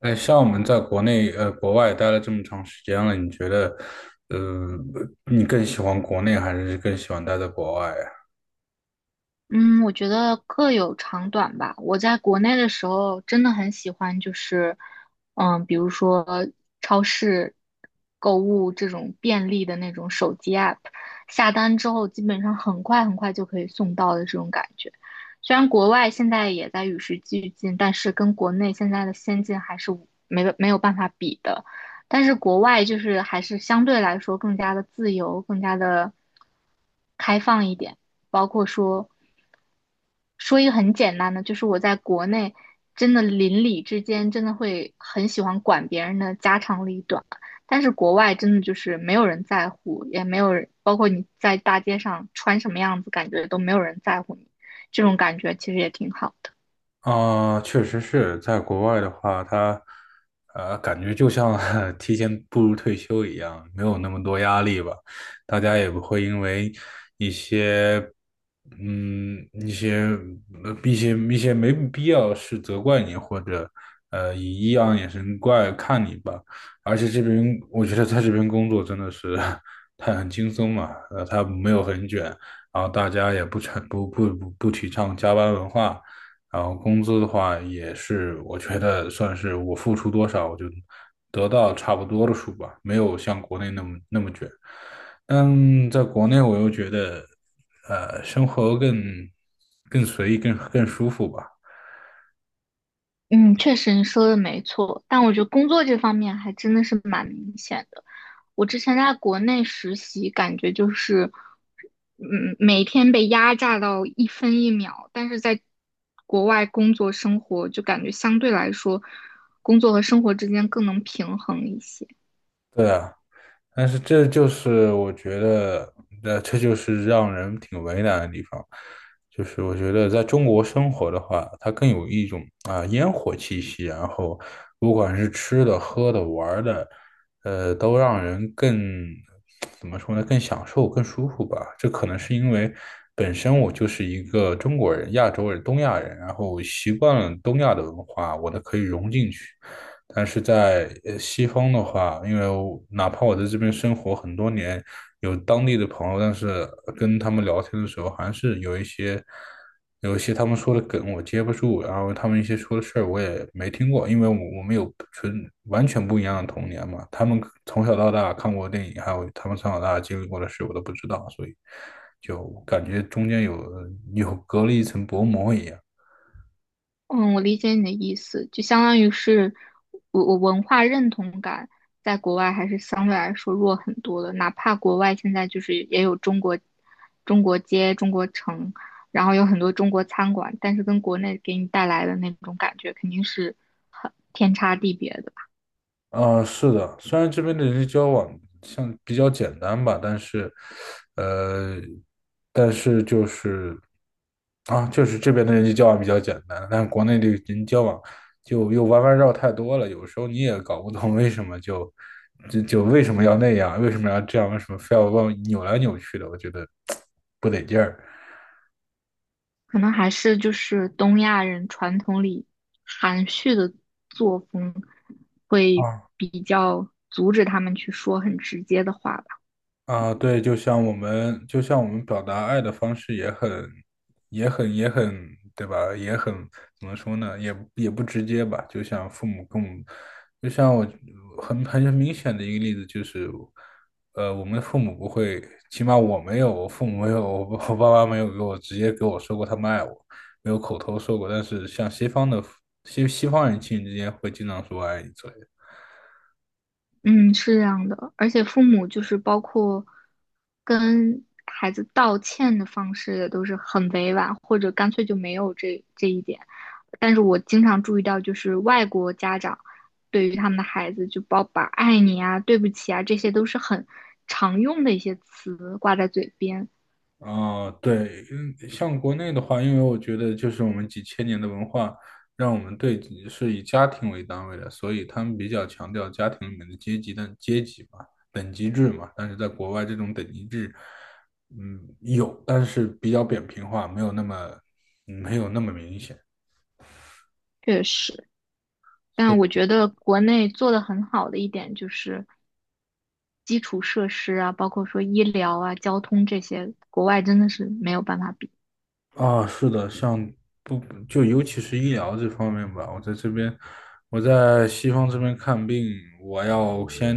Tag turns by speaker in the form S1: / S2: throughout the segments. S1: 哎，像我们在国内国外待了这么长时间了，你觉得，呃，你更喜欢国内还是更喜欢待在国外呀？
S2: 嗯，我觉得各有长短吧。我在国内的时候真的很喜欢，就是，比如说超市购物这种便利的那种手机 app，下单之后基本上很快就可以送到的这种感觉。虽然国外现在也在与时俱进，但是跟国内现在的先进还是没有办法比的。但是国外就是还是相对来说更加的自由，更加的开放一点。包括说，说一个很简单的，就是我在国内真的邻里之间真的会很喜欢管别人的家长里短，但是国外真的就是没有人在乎，也没有人，包括你在大街上穿什么样子，感觉都没有人在乎你，这种感觉其实也挺好的。
S1: 啊、确实是在国外的话，他感觉就像 提前步入退休一样，没有那么多压力吧。大家也不会因为一些嗯一些呃一些一些没必要的事责怪你，或者以异样眼神怪看你吧。而且这边我觉得在这边工作真的是 他很轻松嘛，他没有很卷，然后大家也不成不不不不提倡加班文化。然后工资的话也是，我觉得算是我付出多少，我就得到差不多的数吧，没有像国内那么卷。但在国内，我又觉得，生活更随意，更舒服吧。
S2: 嗯，确实你说的没错，但我觉得工作这方面还真的是蛮明显的。我之前在国内实习，感觉就是，每天被压榨到一分一秒，但是在国外工作生活，就感觉相对来说，工作和生活之间更能平衡一些。
S1: 对啊。但是这就是我觉得，那这就是让人挺为难的地方，就是我觉得在中国生活的话，它更有一种烟火气息，然后不管是吃的、喝的、玩儿的，都让人更怎么说呢，更享受、更舒服吧。这可能是因为本身我就是一个中国人、亚洲人、东亚人，然后习惯了东亚的文化，我呢可以融进去。但是在西方的话，因为我哪怕我在这边生活很多年，有当地的朋友，但是跟他们聊天的时候，还是有一些他们说的梗我接不住，然后他们一些说的事儿我也没听过，因为我们有完全不一样的童年嘛，他们从小到大看过的电影，还有他们从小到大经历过的事，我都不知道，所以就感觉中间有隔了一层薄膜一样。
S2: 嗯，我理解你的意思，就相当于是我文化认同感在国外还是相对来说弱很多的，哪怕国外现在就是也有中国街、中国城，然后有很多中国餐馆，但是跟国内给你带来的那种感觉肯定是很天差地别的吧，
S1: 是的，虽然这边的人际交往像比较简单吧，但是，呃，但是就是这边的人际交往比较简单，但是国内的人际交往就又弯弯绕太多了，有时候你也搞不懂为什么就就就为什么要那样，为什么要这样，为什么非要往扭来扭去的，我觉得 不得劲儿。
S2: 可能还是就是东亚人传统里含蓄的作风会
S1: 啊。
S2: 比较阻止他们去说很直接的话吧。
S1: 啊，对，就像我们，就像我们表达爱的方式也很，对吧？怎么说呢？也不直接吧。就像父母跟我们，就像我很明显的一个例子就是，我们的父母不会，起码我没有，我父母没有，我爸妈没有直接给我说过他们爱我，没有口头说过。但是像西方的西方人亲人之间会经常说爱你之类的。
S2: 嗯，是这样的，而且父母就是包括跟孩子道歉的方式也都是很委婉，或者干脆就没有这一点。但是我经常注意到，就是外国家长对于他们的孩子，就包把"爱你"啊、"对不起"啊，这些都是很常用的一些词挂在嘴边，
S1: 啊，对，像国内的话，因为我觉得就是我们几千年的文化，让我们对是以家庭为单位的，所以他们比较强调家庭里面的阶级的阶级嘛，等级制嘛。但是在国外，这种等级制，嗯，有，但是比较扁平化，没有那么明显。
S2: 确实。但我觉得国内做得很好的一点就是基础设施啊，包括说医疗啊、交通这些，国外真的是没有办法比。
S1: 啊，是的，像不就尤其是医疗这方面吧，我在这边，我在西方这边看病，我要先，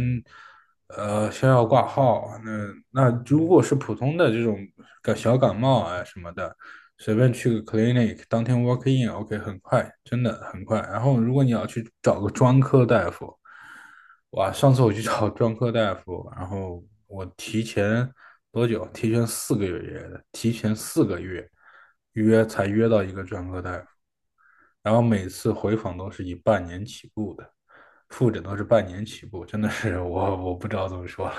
S1: 呃，先要挂号。那如果是普通的这种小感冒啊什么的，随便去个 clinic，当天 walk in，OK，很快，真的很快。然后如果你要去找个专科大夫，哇，上次我去找专科大夫，然后我提前多久？提前四个月约的，提前四个月才约到一个专科大夫，然后每次回访都是以半年起步的，复诊都是半年起步，真的是我不知道怎么说了。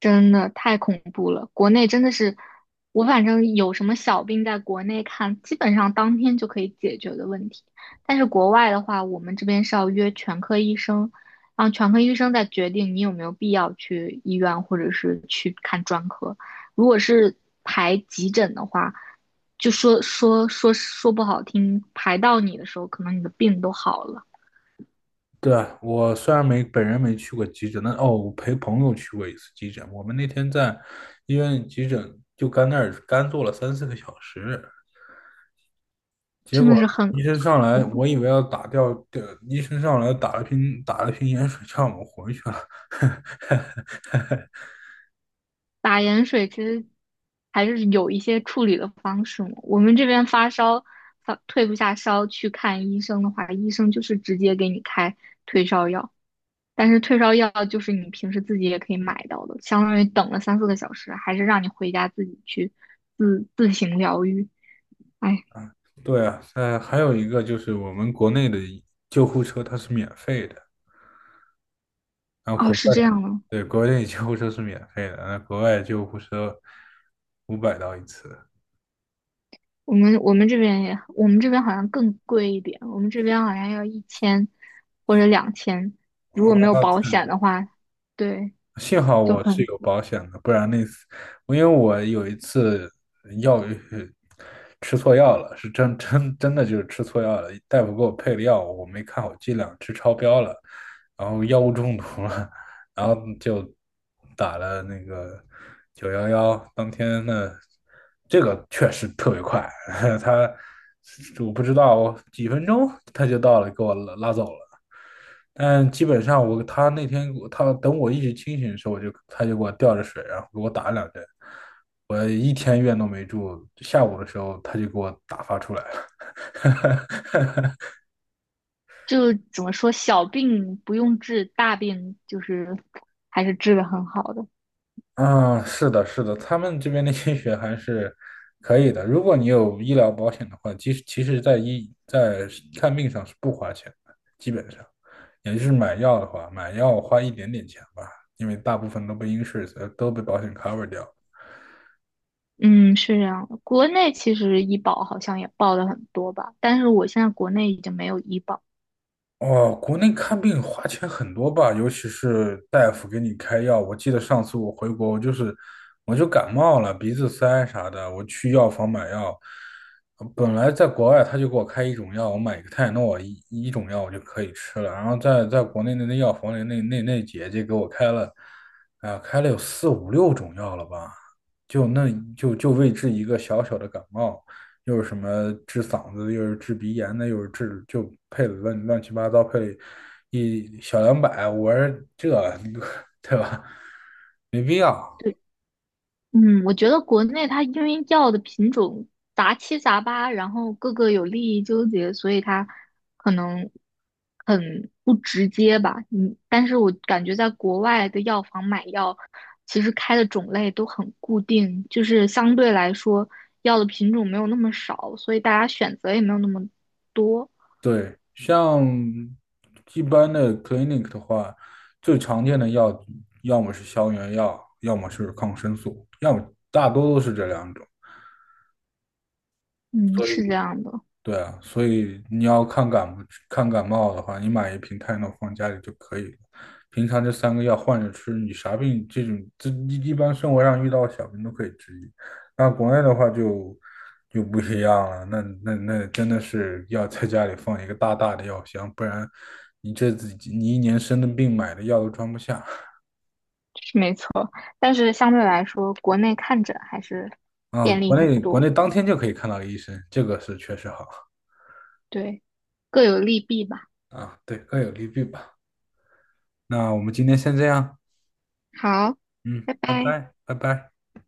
S2: 真的太恐怖了，国内真的是，我反正有什么小病在国内看，基本上当天就可以解决的问题。但是国外的话，我们这边是要约全科医生，然后全科医生再决定你有没有必要去医院或者是去看专科。如果是排急诊的话，就说不好听，排到你的时候，可能你的病都好了，
S1: 对，啊，我虽然没本人没去过急诊，但哦，我陪朋友去过一次急诊。我们那天在医院急诊就干那儿干坐了3、4个小时，结
S2: 真的
S1: 果
S2: 是很。
S1: 医生上来，
S2: 恐怖。
S1: 我以为要打吊，对，医生上来打了瓶盐水，叫我们回去了。
S2: 打盐水其实还是有一些处理的方式嘛。我们这边发烧，发退不下烧，去看医生的话，医生就是直接给你开退烧药。但是退烧药就是你平时自己也可以买到的，相当于等了三四个小时，还是让你回家自己去自行疗愈。哎，
S1: 对啊，还有一个就是我们国内的救护车它是免费的，然后
S2: 哦，
S1: 国
S2: 是
S1: 外
S2: 这
S1: 的，
S2: 样的，
S1: 对，国内救护车是免费的，那国外救护车500刀一次，
S2: 我们这边也，我们这边好像更贵一点，我们这边好像要一千或者两千，
S1: 哦，
S2: 如果没有
S1: 那太
S2: 保
S1: 离
S2: 险
S1: 谱。
S2: 的话，对，
S1: 幸好
S2: 就
S1: 我是
S2: 很
S1: 有保险的，不然那次，因为我有一次药呃吃错药了，是真的就是吃错药了，大夫给我配的药我没看好剂量，吃超标了，然后药物中毒了，然后就打了那个911，当天呢，这个确实特别快，他我不知道几分钟他就到了，给我拉走了。但基本上那天他等我一直清醒的时候，他就给我吊着水，然后给我打了2针，我一天院都没住。下午的时候他就给我打发出来了。
S2: 就怎么说，小病不用治，大病就是还是治的很好的。
S1: 啊，是的，是的，他们这边的医学还是可以的。如果你有医疗保险的话，其实在看病上是不花钱的，基本上，也就是买药的话，买药花一点点钱吧，因为大部分都被保险 cover 掉。
S2: 嗯，是这样的。国内其实医保好像也报的很多吧，但是我现在国内已经没有医保。
S1: 哦，国内看病花钱很多吧，尤其是大夫给你开药。我记得上次我回国，我就感冒了，鼻子塞啥的，我去药房买药。本来在国外他就给我开一种药，我买一个泰诺一种药我就可以吃了。然后在国内的那药房里，那姐姐给我开了，啊、开了有四五六种药了吧，就那就就为治一个小小的感冒。又是什么治嗓子又是治鼻炎的，又是治就配的乱七八糟，配了一小两百，我说这对吧？没必要。
S2: 对。嗯，我觉得国内它因为药的品种杂七杂八，然后各个有利益纠结，所以它可能很不直接吧。嗯，但是我感觉在国外的药房买药，其实开的种类都很固定，就是相对来说药的品种没有那么少，所以大家选择也没有那么多。
S1: 对，像一般的 clinic 的话，最常见的药要么是消炎药，要么是抗生素，要么大多都是这两种。
S2: 嗯，是这样的，
S1: 对啊，所以你要看感冒的话，你买一瓶泰诺放家里就可以了。平常这三个药换着吃，你啥病这种一般生活上遇到的小病都可以治愈。那国内的话就不一样了，那真的是要在家里放一个大大的药箱，不然你这自己你一年生的病买的药都装不下
S2: 是没错。但是相对来说，国内看诊还是
S1: 啊。
S2: 便利
S1: 国
S2: 很
S1: 内
S2: 多，
S1: 当天就可以看到医生，这个是确实好
S2: 对，各有利弊吧。
S1: 啊。对，各有利弊吧。那我们今天先这样，
S2: 好，
S1: 嗯，
S2: 拜
S1: 拜
S2: 拜。
S1: 拜，拜拜。